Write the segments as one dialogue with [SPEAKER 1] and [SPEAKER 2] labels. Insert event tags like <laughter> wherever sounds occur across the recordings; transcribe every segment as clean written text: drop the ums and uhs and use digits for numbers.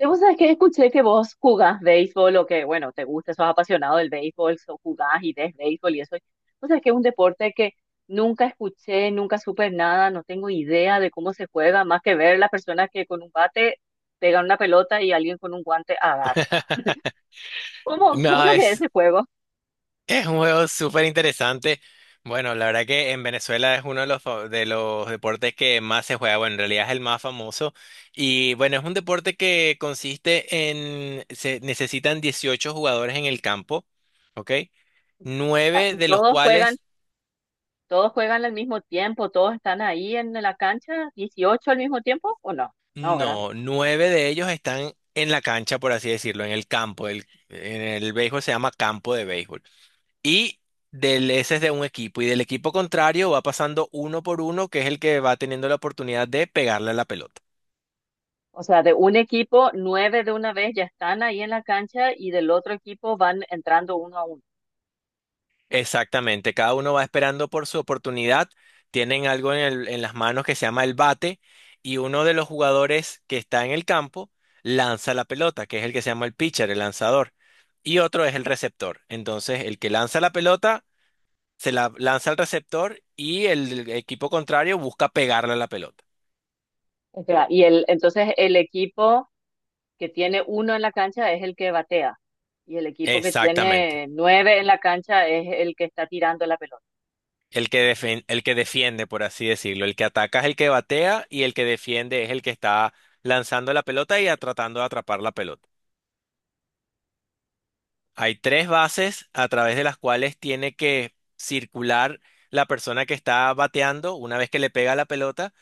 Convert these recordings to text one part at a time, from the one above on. [SPEAKER 1] Yo, vos sabés que escuché que vos jugás béisbol o que te gusta, sos apasionado del béisbol, jugás y ves béisbol y eso. Vos sabés que es un deporte que nunca escuché, nunca supe nada, no tengo idea de cómo se juega, más que ver las personas que con un bate pegan una pelota y alguien con un guante agarra.
[SPEAKER 2] <laughs>
[SPEAKER 1] ¿Cómo es
[SPEAKER 2] No,
[SPEAKER 1] lo que es
[SPEAKER 2] es,
[SPEAKER 1] ese juego? O
[SPEAKER 2] es un juego súper interesante. Bueno, la verdad que en Venezuela es uno de los, de los deportes que más se juega. Bueno, en realidad es el más famoso. Y bueno, es un deporte que consiste en, se necesitan 18 jugadores en el campo, ¿ok?
[SPEAKER 1] sea,
[SPEAKER 2] Nueve de los
[SPEAKER 1] todos juegan,
[SPEAKER 2] cuales,
[SPEAKER 1] todos juegan al mismo tiempo, todos están ahí en la cancha, 18 al mismo tiempo, ¿o no? No, ¿verdad?
[SPEAKER 2] no, nueve de ellos están en la cancha, por así decirlo, en el campo. En el béisbol se llama campo de béisbol. Y ese es de un equipo. Y del equipo contrario va pasando uno por uno, que es el que va teniendo la oportunidad de pegarle a la pelota.
[SPEAKER 1] O sea, de un equipo, nueve de una vez ya están ahí en la cancha y del otro equipo van entrando uno a uno.
[SPEAKER 2] Exactamente. Cada uno va esperando por su oportunidad. Tienen algo en en las manos que se llama el bate. Y uno de los jugadores que está en el campo lanza la pelota, que es el que se llama el pitcher, el lanzador. Y otro es el receptor. Entonces, el que lanza la pelota se la lanza al receptor y el equipo contrario busca pegarle a la pelota.
[SPEAKER 1] O sea, entonces el equipo que tiene uno en la cancha es el que batea y el equipo que
[SPEAKER 2] Exactamente.
[SPEAKER 1] tiene nueve en la cancha es el que está tirando la pelota.
[SPEAKER 2] El que el que defiende, por así decirlo. El que ataca es el que batea y el que defiende es el que está lanzando la pelota y tratando de atrapar la pelota. Hay tres bases a través de las cuales tiene que circular la persona que está bateando una vez que le pega la pelota.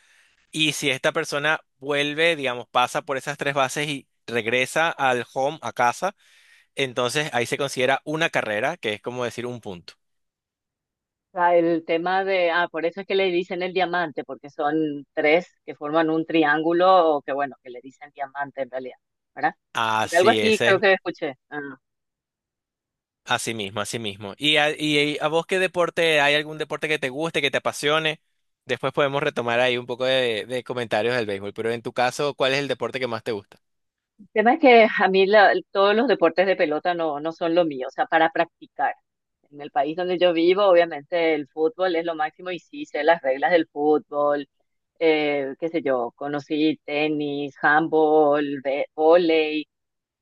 [SPEAKER 2] Y si esta persona vuelve, digamos, pasa por esas tres bases y regresa al home, a casa, entonces ahí se considera una carrera, que es como decir un punto.
[SPEAKER 1] O sea, el tema de, por eso es que le dicen el diamante, porque son tres que forman un triángulo o que bueno, que le dicen diamante en realidad, ¿verdad? Porque algo
[SPEAKER 2] Así
[SPEAKER 1] así
[SPEAKER 2] es.
[SPEAKER 1] creo que escuché. Ah.
[SPEAKER 2] Así mismo, así mismo. Y a vos qué deporte, hay algún deporte que te guste, que te apasione? Después podemos retomar ahí un poco de comentarios del béisbol, pero en tu caso, ¿cuál es el deporte que más te gusta?
[SPEAKER 1] El tema es que a mí todos los deportes de pelota no son lo mío, o sea, para practicar. En el país donde yo vivo, obviamente el fútbol es lo máximo y sí sé las reglas del fútbol, qué sé yo, conocí tenis, handball, vóley,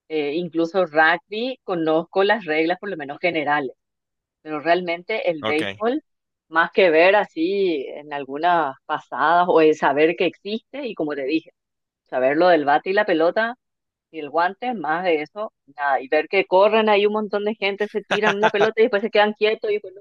[SPEAKER 1] incluso rugby, conozco las reglas por lo menos generales, pero realmente el
[SPEAKER 2] Ok.
[SPEAKER 1] béisbol, más que ver así en algunas pasadas o el saber que existe y como te dije, saber lo del bate y la pelota. Y el guante, más de eso, nada. Y ver que corren ahí un montón de gente, se tiran una
[SPEAKER 2] <laughs>
[SPEAKER 1] pelota y después se quedan quietos y bueno,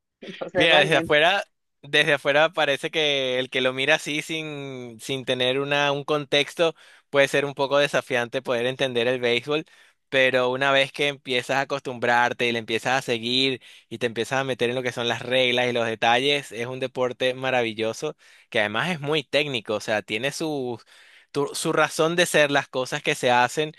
[SPEAKER 1] <laughs> entonces
[SPEAKER 2] Mira,
[SPEAKER 1] realmente.
[SPEAKER 2] desde afuera parece que el que lo mira así sin tener una, un contexto puede ser un poco desafiante poder entender el béisbol, pero una vez que empiezas a acostumbrarte y le empiezas a seguir y te empiezas a meter en lo que son las reglas y los detalles, es un deporte maravilloso que además es muy técnico, o sea, tiene su, su razón de ser las cosas que se hacen.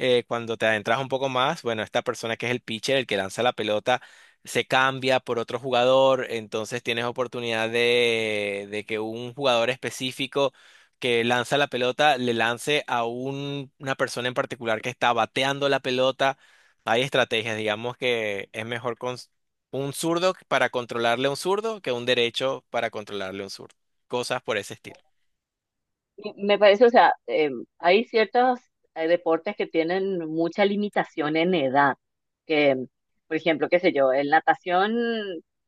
[SPEAKER 2] Cuando te adentras un poco más, bueno, esta persona que es el pitcher, el que lanza la pelota se cambia por otro jugador, entonces tienes oportunidad de que un jugador específico que lanza la pelota le lance a una persona en particular que está bateando la pelota. Hay estrategias, digamos que es mejor con un zurdo para controlarle a un zurdo que un derecho para controlarle a un zurdo. Cosas por ese estilo.
[SPEAKER 1] Y me parece, o sea, hay ciertos deportes que tienen mucha limitación en edad, que, por ejemplo, qué sé yo, en natación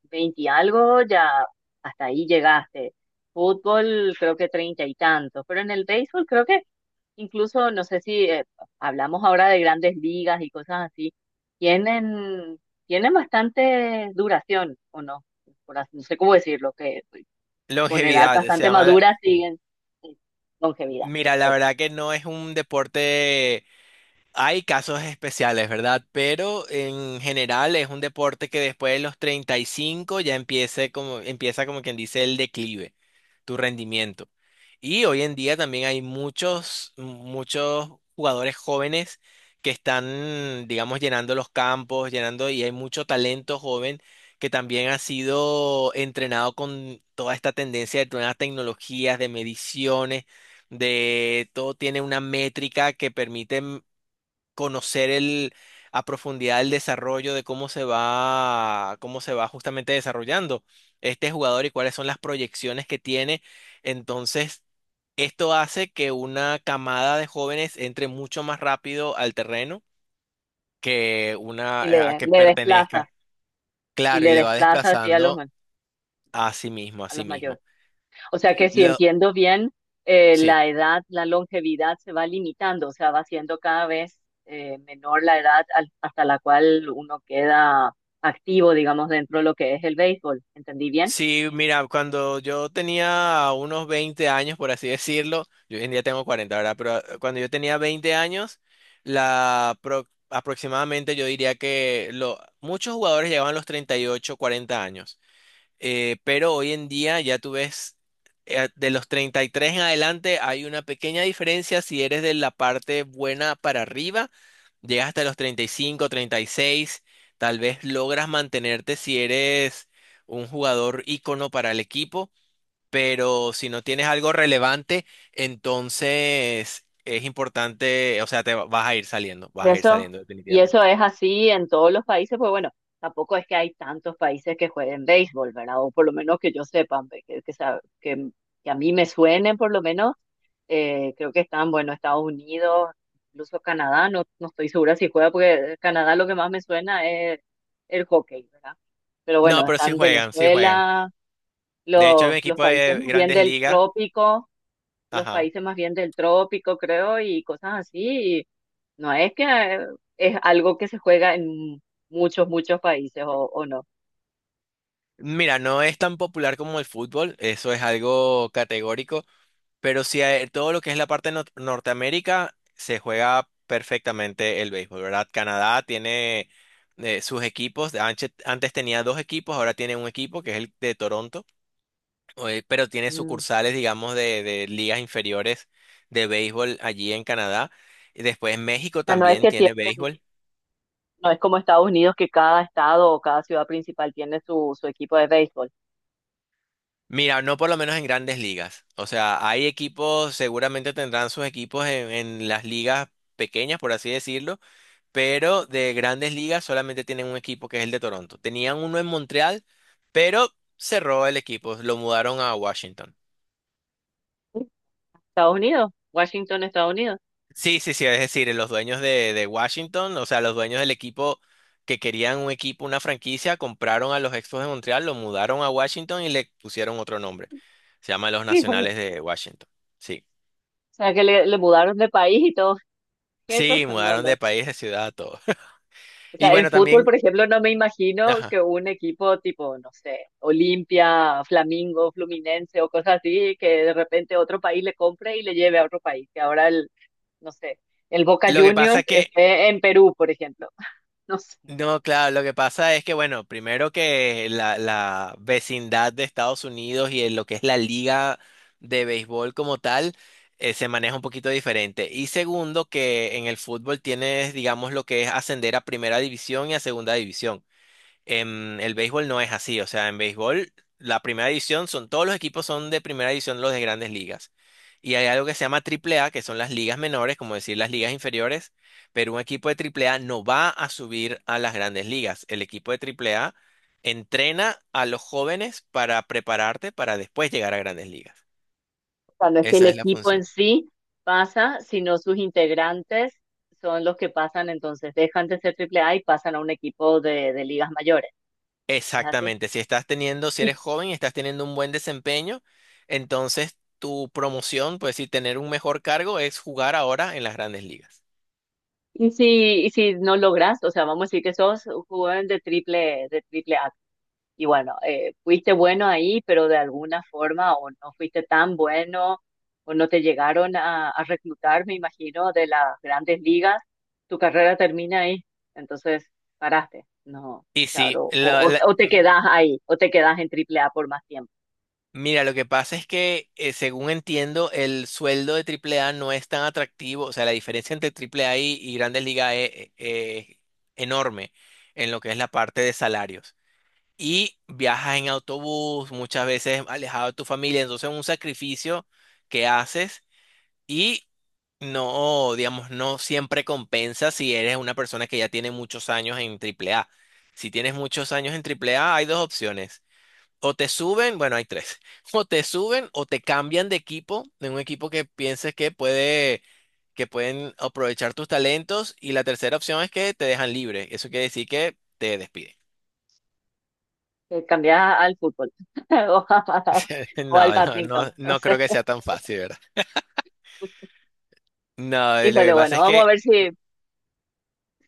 [SPEAKER 1] 20 y algo, ya hasta ahí llegaste. Fútbol, creo que 30 y tantos, pero en el béisbol creo que incluso, no sé si hablamos ahora de grandes ligas y cosas así, tienen, tienen bastante duración, o no, no sé cómo decirlo, que con edad
[SPEAKER 2] Longevidad, se
[SPEAKER 1] bastante
[SPEAKER 2] llama...
[SPEAKER 1] madura siguen sí, longevidad,
[SPEAKER 2] Mira, la
[SPEAKER 1] perfecto.
[SPEAKER 2] verdad que no es un deporte. Hay casos especiales, ¿verdad? Pero en general es un deporte que después de los 35 ya empieza como quien dice el declive, tu rendimiento. Y hoy en día también hay muchos, muchos jugadores jóvenes que están, digamos, llenando los campos, llenando, y hay mucho talento joven que también ha sido entrenado con toda esta tendencia de nuevas tecnologías, de mediciones, de todo tiene una métrica que permite conocer el, a profundidad el desarrollo de cómo se va justamente desarrollando este jugador y cuáles son las proyecciones que tiene. Entonces, esto hace que una camada de jóvenes entre mucho más rápido al terreno que una a que
[SPEAKER 1] Le
[SPEAKER 2] pertenezca.
[SPEAKER 1] desplaza, y
[SPEAKER 2] Claro, y
[SPEAKER 1] le
[SPEAKER 2] le va
[SPEAKER 1] desplaza así a
[SPEAKER 2] desplazando a sí mismo, a
[SPEAKER 1] a
[SPEAKER 2] sí
[SPEAKER 1] los
[SPEAKER 2] mismo.
[SPEAKER 1] mayores. O sea que si
[SPEAKER 2] Lo,
[SPEAKER 1] entiendo bien,
[SPEAKER 2] sí.
[SPEAKER 1] la edad, la longevidad se va limitando, o sea, va siendo cada vez menor la edad hasta la cual uno queda activo, digamos, dentro de lo que es el béisbol. ¿Entendí bien?
[SPEAKER 2] Sí, mira, cuando yo tenía unos 20 años, por así decirlo, yo hoy en día tengo 40, ¿verdad? Pero cuando yo tenía 20 años, la aproximadamente yo diría que lo, muchos jugadores llegaban a los 38, 40 años. Pero hoy en día ya tú ves, de los 33 en adelante hay una pequeña diferencia si eres de la parte buena para arriba, llegas hasta los 30 35 36, tal vez logras mantenerte si eres un jugador ícono para el equipo, pero si no tienes algo relevante, entonces es importante, o sea, vas a ir saliendo,
[SPEAKER 1] Y
[SPEAKER 2] vas a ir
[SPEAKER 1] eso,
[SPEAKER 2] saliendo
[SPEAKER 1] y eso
[SPEAKER 2] definitivamente.
[SPEAKER 1] es así en todos los países, pues bueno, tampoco es que hay tantos países que jueguen béisbol, ¿verdad? O por lo menos que yo sepa, ve, que a mí me suenen por lo menos, creo que están, bueno, Estados Unidos, incluso Canadá, no estoy segura si juega, porque Canadá lo que más me suena es el hockey, ¿verdad? Pero
[SPEAKER 2] No,
[SPEAKER 1] bueno,
[SPEAKER 2] pero sí
[SPEAKER 1] están
[SPEAKER 2] juegan, sí juegan.
[SPEAKER 1] Venezuela,
[SPEAKER 2] De hecho, hay un
[SPEAKER 1] los
[SPEAKER 2] equipo
[SPEAKER 1] países
[SPEAKER 2] de
[SPEAKER 1] más bien
[SPEAKER 2] Grandes
[SPEAKER 1] del
[SPEAKER 2] Ligas.
[SPEAKER 1] trópico, los
[SPEAKER 2] Ajá.
[SPEAKER 1] países más bien del trópico, creo, y cosas así. Y no es que es algo que se juega en muchos países o no.
[SPEAKER 2] Mira, no es tan popular como el fútbol, eso es algo categórico, pero sí todo lo que es la parte de Norteamérica se juega perfectamente el béisbol, ¿verdad? Canadá tiene sus equipos, antes tenía dos equipos, ahora tiene un equipo que es el de Toronto, pero tiene
[SPEAKER 1] Mm. O
[SPEAKER 2] sucursales, digamos, de ligas inferiores de béisbol allí en Canadá. Y después México
[SPEAKER 1] sea, no es
[SPEAKER 2] también
[SPEAKER 1] que tienen,
[SPEAKER 2] tiene béisbol.
[SPEAKER 1] no es como Estados Unidos que cada estado o cada ciudad principal tiene su equipo de béisbol.
[SPEAKER 2] Mira, no por lo menos en grandes ligas. O sea, hay equipos, seguramente tendrán sus equipos en las ligas pequeñas, por así decirlo, pero de grandes ligas solamente tienen un equipo que es el de Toronto. Tenían uno en Montreal, pero cerró el equipo, lo mudaron a Washington.
[SPEAKER 1] Sí, Estados Unidos, Washington, Estados Unidos.
[SPEAKER 2] Sí, sí, sí, es decir, los dueños de Washington, o sea, los dueños del equipo que querían un equipo, una franquicia, compraron a los Expos de Montreal, lo mudaron a Washington y le pusieron otro nombre. Se llama Los
[SPEAKER 1] Híjole.
[SPEAKER 2] Nacionales de Washington. Sí.
[SPEAKER 1] O sea, que le mudaron de país y todo eso.
[SPEAKER 2] Sí, mudaron de
[SPEAKER 1] <laughs>
[SPEAKER 2] país, de ciudad, todo. <laughs>
[SPEAKER 1] O
[SPEAKER 2] Y
[SPEAKER 1] sea, en
[SPEAKER 2] bueno,
[SPEAKER 1] fútbol,
[SPEAKER 2] también,
[SPEAKER 1] por ejemplo, no me imagino
[SPEAKER 2] ajá.
[SPEAKER 1] que un equipo tipo, no sé, Olimpia, Flamengo Fluminense o cosas así, que de repente otro país le compre y le lleve a otro país. Que ahora no sé, el Boca
[SPEAKER 2] Lo que pasa
[SPEAKER 1] Juniors
[SPEAKER 2] es que,
[SPEAKER 1] esté en Perú, por ejemplo. <laughs> No sé.
[SPEAKER 2] no, claro, lo que pasa es que, bueno, primero que la vecindad de Estados Unidos y en lo que es la liga de béisbol como tal, se maneja un poquito diferente. Y segundo, que en el fútbol tienes, digamos, lo que es ascender a primera división y a segunda división. En el béisbol no es así, o sea, en béisbol la primera división son todos los equipos son de primera división los de grandes ligas. Y hay algo que se llama triple A, que son las ligas menores, como decir las ligas inferiores, pero un equipo de triple A no va a subir a las grandes ligas. El equipo de triple A entrena a los jóvenes para prepararte para después llegar a grandes ligas.
[SPEAKER 1] O sea, no es que el
[SPEAKER 2] Esa es la
[SPEAKER 1] equipo en
[SPEAKER 2] función.
[SPEAKER 1] sí pasa, sino sus integrantes son los que pasan, entonces dejan de ser triple A y pasan a un equipo de ligas mayores. ¿Es así?
[SPEAKER 2] Exactamente, si estás teniendo, si eres joven y estás teniendo un buen desempeño, entonces tu promoción, pues sí, tener un mejor cargo es jugar ahora en las grandes ligas.
[SPEAKER 1] Y si no logras, o sea, vamos a decir que sos un jugador de triple A. Y bueno, fuiste bueno ahí, pero de alguna forma o no fuiste tan bueno o no te llegaron a reclutar, me imagino, de las grandes ligas, tu carrera termina ahí. Entonces, paraste. No,
[SPEAKER 2] Y sí,
[SPEAKER 1] claro, o te quedas ahí, o te quedas en triple A por más tiempo.
[SPEAKER 2] mira, lo que pasa es que según entiendo, el sueldo de Triple A no es tan atractivo, o sea, la diferencia entre AAA y grandes ligas es enorme en lo que es la parte de salarios. Y viajas en autobús, muchas veces alejado de tu familia, entonces un sacrificio que haces. Y no, digamos, no siempre compensa si eres una persona que ya tiene muchos años en Triple A. Si tienes muchos años en Triple A hay dos opciones. O te suben, bueno, hay tres. <laughs> O te suben o te cambian de equipo, de un equipo que pienses que puede, que pueden aprovechar tus talentos. Y la tercera opción es que te dejan libre. Eso quiere decir que te despiden.
[SPEAKER 1] Te cambiás al fútbol <laughs> o, a-
[SPEAKER 2] <laughs>
[SPEAKER 1] o al
[SPEAKER 2] No, no, no,
[SPEAKER 1] badminton. No
[SPEAKER 2] no creo
[SPEAKER 1] sé.
[SPEAKER 2] que sea tan fácil, ¿verdad? No, lo
[SPEAKER 1] Híjole,
[SPEAKER 2] que pasa
[SPEAKER 1] bueno,
[SPEAKER 2] es
[SPEAKER 1] vamos a
[SPEAKER 2] que,
[SPEAKER 1] ver si,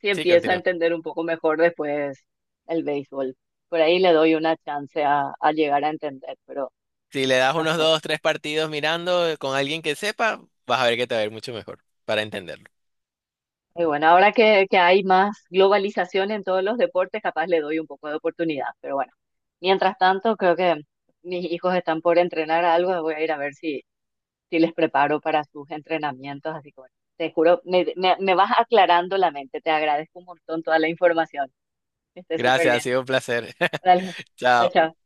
[SPEAKER 1] si
[SPEAKER 2] sí,
[SPEAKER 1] empiezo a
[SPEAKER 2] continúa.
[SPEAKER 1] entender un poco mejor después el béisbol. Por ahí le doy una chance a llegar a entender, pero
[SPEAKER 2] Si le das
[SPEAKER 1] no
[SPEAKER 2] unos
[SPEAKER 1] sé.
[SPEAKER 2] dos, tres partidos mirando con alguien que sepa, vas a ver que te va a ir mucho mejor para entenderlo.
[SPEAKER 1] Y bueno, ahora que hay más globalización en todos los deportes, capaz le doy un poco de oportunidad, pero bueno. Mientras tanto, creo que mis hijos están por entrenar algo, voy a ir a ver si, si les preparo para sus entrenamientos, así que bueno, te juro, me vas aclarando la mente, te agradezco un montón toda la información, que estés súper
[SPEAKER 2] Gracias, ha
[SPEAKER 1] bien.
[SPEAKER 2] sido un placer. <laughs>
[SPEAKER 1] Dale, chao,
[SPEAKER 2] Chao.
[SPEAKER 1] chao.